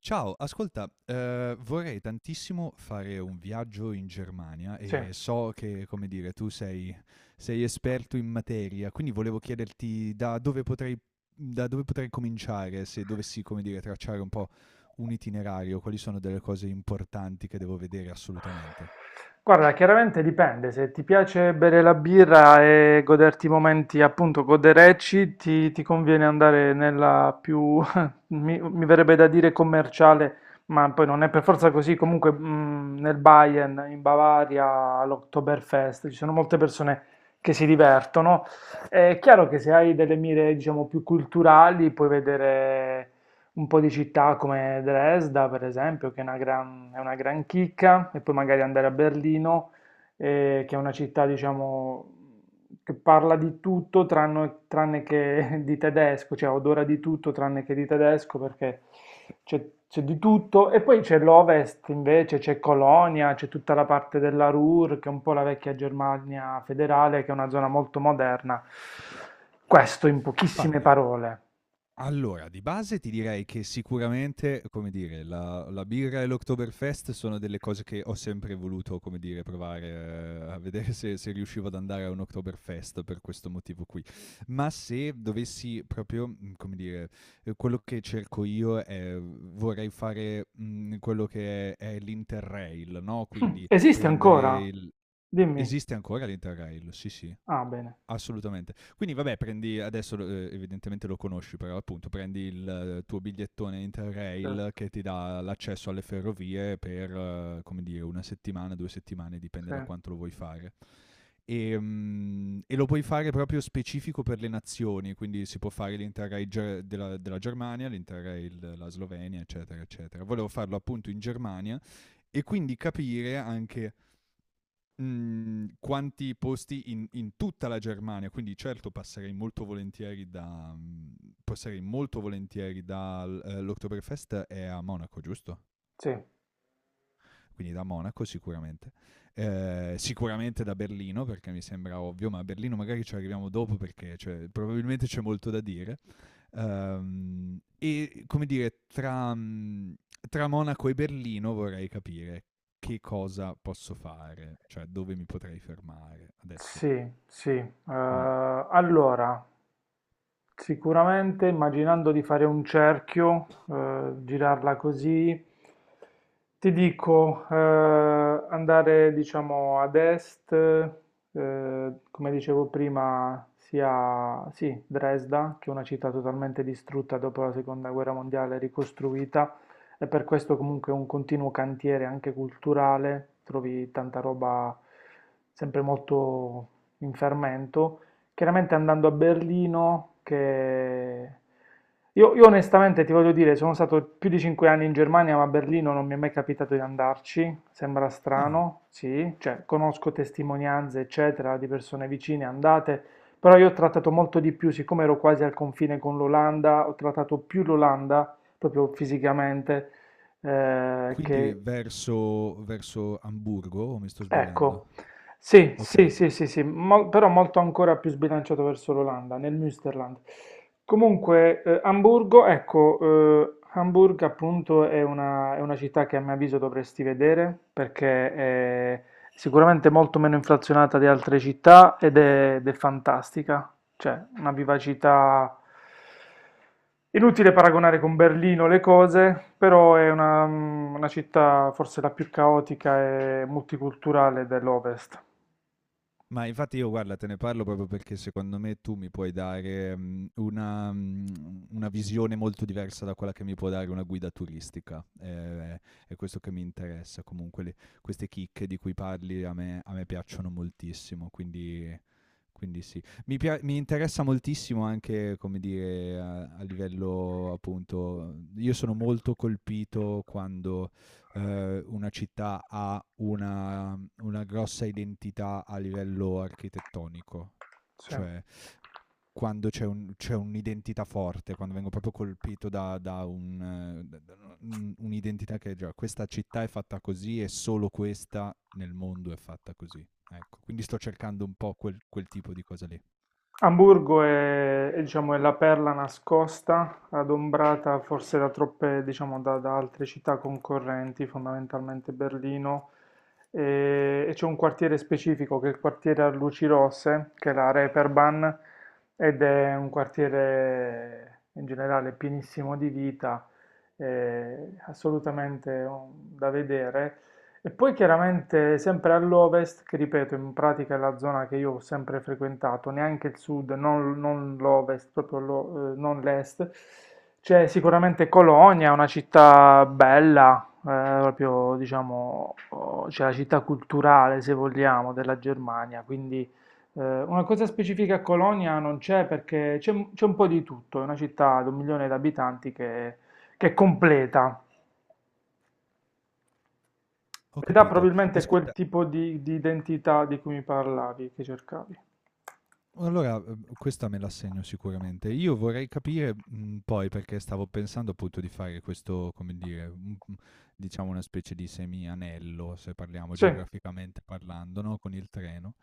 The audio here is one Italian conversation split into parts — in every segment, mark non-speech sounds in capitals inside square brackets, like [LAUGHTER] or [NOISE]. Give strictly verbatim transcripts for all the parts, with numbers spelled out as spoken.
Ciao, ascolta, eh, vorrei tantissimo fare un viaggio in Germania Sì. e so che, come dire, tu sei, sei esperto in materia, quindi volevo chiederti da dove potrei, da dove potrei cominciare se dovessi, come dire, tracciare un po' un itinerario, quali sono delle cose importanti che devo vedere assolutamente. Guarda, chiaramente dipende, se ti piace bere la birra e goderti i momenti appunto goderecci, ti, ti conviene andare nella più, [LAUGHS] mi, mi verrebbe da dire commerciale, ma poi non è per forza così, comunque mm, nel Bayern, in Bavaria, all'Oktoberfest, ci sono molte persone che si divertono. È chiaro che se hai delle mire, diciamo, più culturali, puoi vedere un po' di città come Dresda, per esempio, che è una gran, è una gran chicca, e poi magari andare a Berlino, eh, che è una città, diciamo, che parla di tutto tranne, tranne che [LAUGHS] di tedesco, cioè odora di tutto tranne che di tedesco, perché c'è c'è di tutto. E poi c'è l'Ovest, invece, c'è Colonia, c'è tutta la parte della Ruhr, che è un po' la vecchia Germania federale, che è una zona molto moderna. Questo in pochissime parole. Allora, di base ti direi che sicuramente, come dire, la la birra e l'Oktoberfest sono delle cose che ho sempre voluto, come dire, provare, ehm, a vedere se se riuscivo ad andare a un Oktoberfest per questo motivo qui. Ma se dovessi proprio, mhmm, come dire, ehm, quello che cerco io è vorrei fare, mhmm, quello che è è l'Interrail, no, Mm, quindi esiste prendere ancora? il Dimmi. esiste ancora l'Interrail? Sì, sì. Ah, bene. Assolutamente. Quindi vabbè, prendi adesso eh, evidentemente lo conosci, però appunto prendi il eh, tuo bigliettone Certo, Interrail che ti dà l'accesso alle ferrovie per eh, come dire una settimana, due settimane, dipende da sì. quanto lo vuoi fare. E, mm, e lo puoi fare proprio specifico per le nazioni, quindi si può fare l'Interrail Ger- della, della Germania, l'Interrail della Slovenia, eccetera, eccetera. Volevo farlo appunto in Germania e quindi capire anche mh, quanti posti in, in tutta la Germania, quindi certo passerei molto volentieri da mh, passerei molto volentieri dall'Oktoberfest eh, è a Monaco, giusto? Sì, Quindi da Monaco sicuramente. Eh, sicuramente da Berlino, perché mi sembra ovvio, ma a Berlino magari ci arriviamo dopo perché cioè, probabilmente c'è molto da dire. Ehm, e come dire, tra, mh, tra Monaco e Berlino vorrei capire che cosa posso fare, cioè dove mi potrei fermare. Adesso sì, sì. Eh, mh. Allora, sicuramente immaginando di fare un cerchio, eh, girarla così, ti dico eh, andare diciamo ad est, eh, come dicevo prima, sia sì, Dresda, che è una città totalmente distrutta dopo la seconda guerra mondiale, ricostruita, e per questo comunque è un continuo cantiere anche culturale, trovi tanta roba sempre molto in fermento. Chiaramente andando a Berlino, che... Io, io onestamente ti voglio dire, sono stato più di cinque anni in Germania, ma a Berlino non mi è mai capitato di andarci, sembra Ah, strano, sì, cioè conosco testimonianze, eccetera, di persone vicine andate, però io ho trattato molto di più, siccome ero quasi al confine con l'Olanda, ho trattato più l'Olanda, proprio fisicamente, eh, quindi che verso verso Amburgo o mi sto sbagliando? ecco, sì, sì, Okay. sì, sì, sì, mol- però molto ancora più sbilanciato verso l'Olanda, nel Münsterland. Comunque, eh, Amburgo, ecco, eh, Hamburg appunto è una, è una città che a mio avviso dovresti vedere perché è sicuramente molto meno inflazionata di altre città ed è, ed è fantastica. Cioè, una vivacità inutile paragonare con Berlino le cose, però è una, una città forse la più caotica e multiculturale dell'Ovest. Ma infatti io guarda, te ne parlo proprio perché secondo me tu mi puoi dare, mhmm, una mhmm, una visione molto diversa da quella che mi può dare una guida turistica. Ehm, è questo che mi interessa. Comunque le queste chicche di cui parli a me a me piacciono moltissimo, quindi. Quindi sì, mi, pia- mi interessa moltissimo anche, come dire, a, a livello appunto, io sono molto colpito quando eh, una città ha una, una grossa identità a livello architettonico, Sì. cioè quando c'è, un- c'è un'identità forte, quando vengo proprio colpito da, da un, eh, da- da un- un'identità che è già questa città è fatta così e solo questa nel mondo è fatta così. Ecco, quindi sto cercando un po' quel quel tipo di cosa lì. Amburgo è, è, diciamo, è la perla nascosta, adombrata forse da troppe, diciamo, da, da altre città concorrenti, fondamentalmente Berlino, e, e c'è un quartiere specifico che è il quartiere a luci rosse, che è la Reeperbahn, ed è un quartiere in generale pienissimo di vita, eh, assolutamente um, da vedere. E poi chiaramente sempre all'ovest, che ripeto, in pratica è la zona che io ho sempre frequentato, neanche il sud, non, non l'ovest, proprio lo- eh, non l'est, c'è sicuramente Colonia, una città bella, eh, proprio diciamo, oh, c'è la città culturale, se vogliamo, della Germania, quindi eh, una cosa specifica a Colonia non c'è perché c'è c'è un po' di tutto, è una città di un milione di abitanti che che è completa. Ho Ed ha capito. probabilmente quel Ascolta, tipo di, di identità di cui mi parlavi, che cercavi. allora, uhm, questa me la segno sicuramente. Io vorrei capire, mhmm, poi perché stavo pensando appunto di fare questo, come dire, un mhmm, diciamo una specie di semi anello, se parliamo Sì, geograficamente parlando, no, con il treno.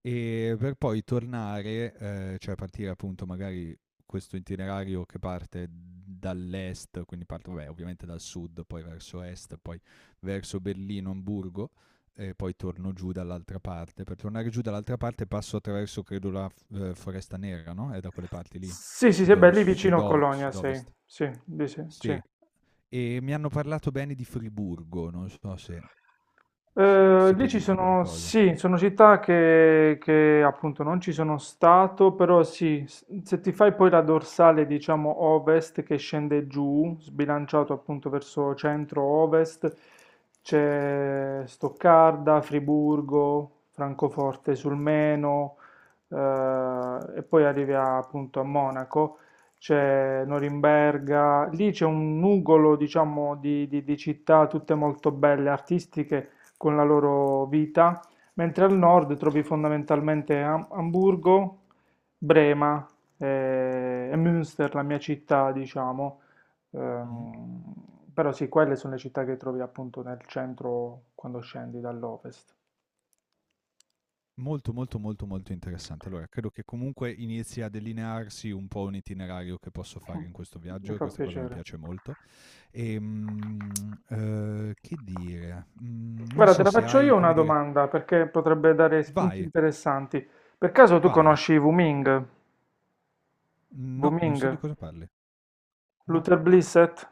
E per poi tornare, eh, cioè partire appunto magari questo itinerario che parte dall'est, quindi parte vabbè, ovviamente dal sud, poi verso est, poi verso Berlino, Amburgo, e poi torno giù dall'altra parte. Per tornare giù dall'altra parte passo attraverso, credo, la f- eh, Foresta Nera, no? È da quelle parti lì, sì, sì, sì, sud- beh, lì vicino sudo- Colonia sei. sud-ovest. Sì, lì sì, sì. Sì. E mi hanno parlato bene di Friburgo, non so se, se, Eh, se lì puoi ci dirmi sono, qualcosa. sì, sono città che, che appunto non ci sono stato, però sì, s- se ti fai poi la dorsale, diciamo, ovest che scende giù, sbilanciato appunto verso centro-ovest, c'è Stoccarda, Friburgo, Francoforte sul Meno, eh, e poi arrivi a- appunto a Monaco, c'è Norimberga, lì c'è un nugolo, diciamo, di di- di città tutte molto belle, artistiche con la loro vita, mentre al nord trovi fondamentalmente Am- Amburgo, Brema eh, e Münster, la mia città, diciamo. Ehm, Però sì, quelle sono le città che trovi appunto nel centro quando scendi dall'ovest. Molto, molto, molto, molto interessante. Allora, credo che comunque inizi a delinearsi un po' un itinerario che posso fare in questo viaggio Mi e fa questa cosa mi piacere. piace molto. E, mm, eh, che dire? Mm, non Guarda, te so la se faccio io hai, una come dire, domanda perché potrebbe dare spunti vai, interessanti. Per caso tu vai. conosci Wuming? No, non Wuming? so di cosa parli. No, Luther Blissett?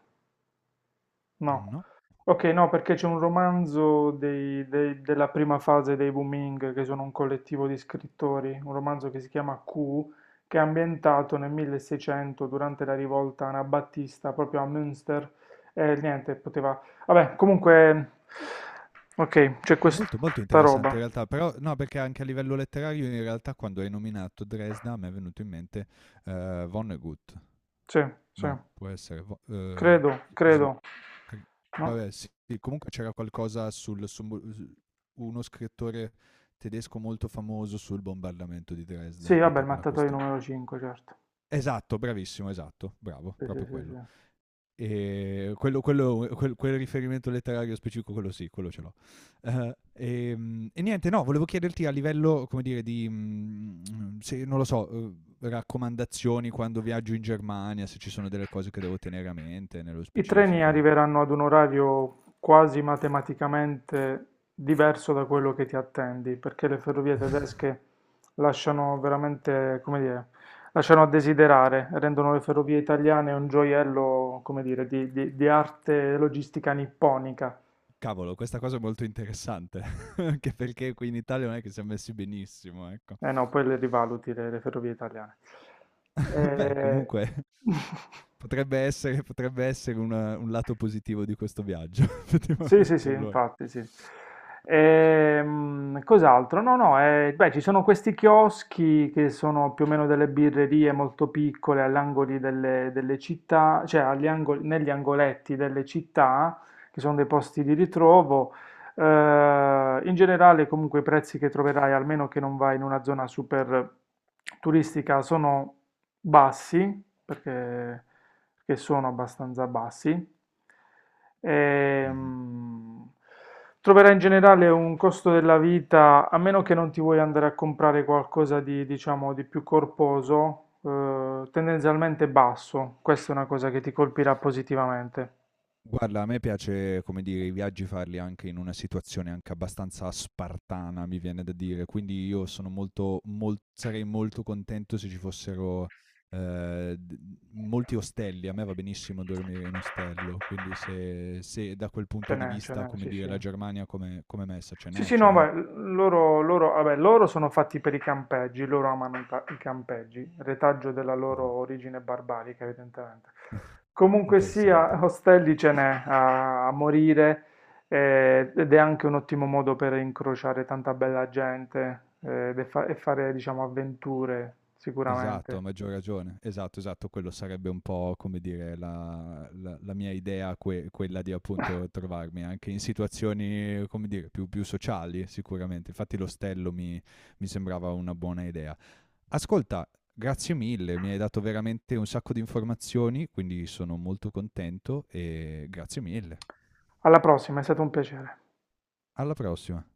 No, no. ok, no, perché c'è un romanzo dei- dei- della prima fase dei Booming, che sono un collettivo di scrittori, un romanzo che si chiama Q, che è ambientato nel milleseicento durante la rivolta anabattista proprio a Münster. E niente, poteva... Vabbè, comunque... Ok, c'è questa Molto, molto interessante roba. in realtà, però no, perché anche a livello letterario in realtà quando hai nominato Dresda mi è venuto in mente eh, Vonnegut. Sì, sì, No, può essere Vo- eh, credo, Slo- credo. Cri- No? vabbè, sì, sì, comunque c'era qualcosa sul, su mo- uno scrittore tedesco molto famoso sul bombardamento di Dresda Sì, e vabbè, tutta il quella mattatoio questione. numero cinque, certo. Esatto, bravissimo, esatto, bravo, Sì, sì, proprio sì, quello. sì. E quello, quello- quel, quel riferimento letterario specifico, quello sì, quello ce l'ho. Eh, ehm, e, niente, no, volevo chiederti a livello, come dire, di, mm, se, non lo so, eh, raccomandazioni quando viaggio in Germania, se ci sono delle cose che devo tenere a mente nello I treni specifico. arriveranno ad un orario quasi matematicamente diverso da quello che ti attendi, perché le ferrovie [LAUGHS] tedesche lasciano veramente, come dire, lasciano a desiderare, rendono le ferrovie italiane un gioiello, come dire, di, di- di arte logistica nipponica. Cavolo, questa cosa è molto interessante, [LAUGHS] anche perché qui in Italia non è che siamo messi benissimo, ecco. Eh no, poi le rivaluti le, le ferrovie italiane. [LAUGHS] Beh, Eh, comunque [LAUGHS] potrebbe essere, potrebbe essere un, un lato positivo di questo viaggio, [LAUGHS] sì, sì, effettivamente, sì, allora. infatti, sì. Ehm, cos'altro? No, no, eh, beh, ci sono questi chioschi che sono più o meno delle birrerie molto piccole all'angoli delle, delle città, cioè agli angoli- negli angoletti delle città, che sono dei posti di ritrovo. Eh, in generale, comunque, i prezzi che troverai, almeno che non vai in una zona super turistica, sono bassi, perché, perché sono abbastanza bassi. Mhm. Ehm, troverai in generale un costo della vita, a meno che non ti vuoi andare a comprare qualcosa di, diciamo, di più corposo, eh, tendenzialmente basso. Questa è una cosa che ti colpirà positivamente. Guarda, a me piace, come dire, i viaggi farli anche in una situazione anche abbastanza spartana, mi viene da dire. Quindi io sono molto, mol- sarei molto contento se ci fossero eh, d- molti ostelli. A me va benissimo dormire in ostello. Quindi se, se da quel Ce punto di n'è, ce vista, n'è, come sì, dire, sì. la Germania come, come messa, ce Sì, n'è, sì, ce no, n'è. beh, loro, loro- vabbè, loro sono fatti per i campeggi, loro amano i, pa- i campeggi, retaggio della loro Ah. origine barbarica, evidentemente. [LAUGHS] Comunque Interessante. sia, ostelli ce n'è a, a morire eh, ed è anche un ottimo modo per incrociare tanta bella gente eh, e fa- e fare, diciamo, avventure, Esatto, a sicuramente. maggior ragione. Esatto, esatto, quello sarebbe un po' come dire la, la- la mia idea, que- quella di appunto trovarmi anche in situazioni, come dire, più, più sociali sicuramente. Infatti l'ostello mi, mi sembrava una buona idea. Ascolta, grazie mille, mi hai dato veramente un sacco di informazioni, quindi sono molto contento e grazie mille. Alla prossima, è stato un piacere. Alla prossima.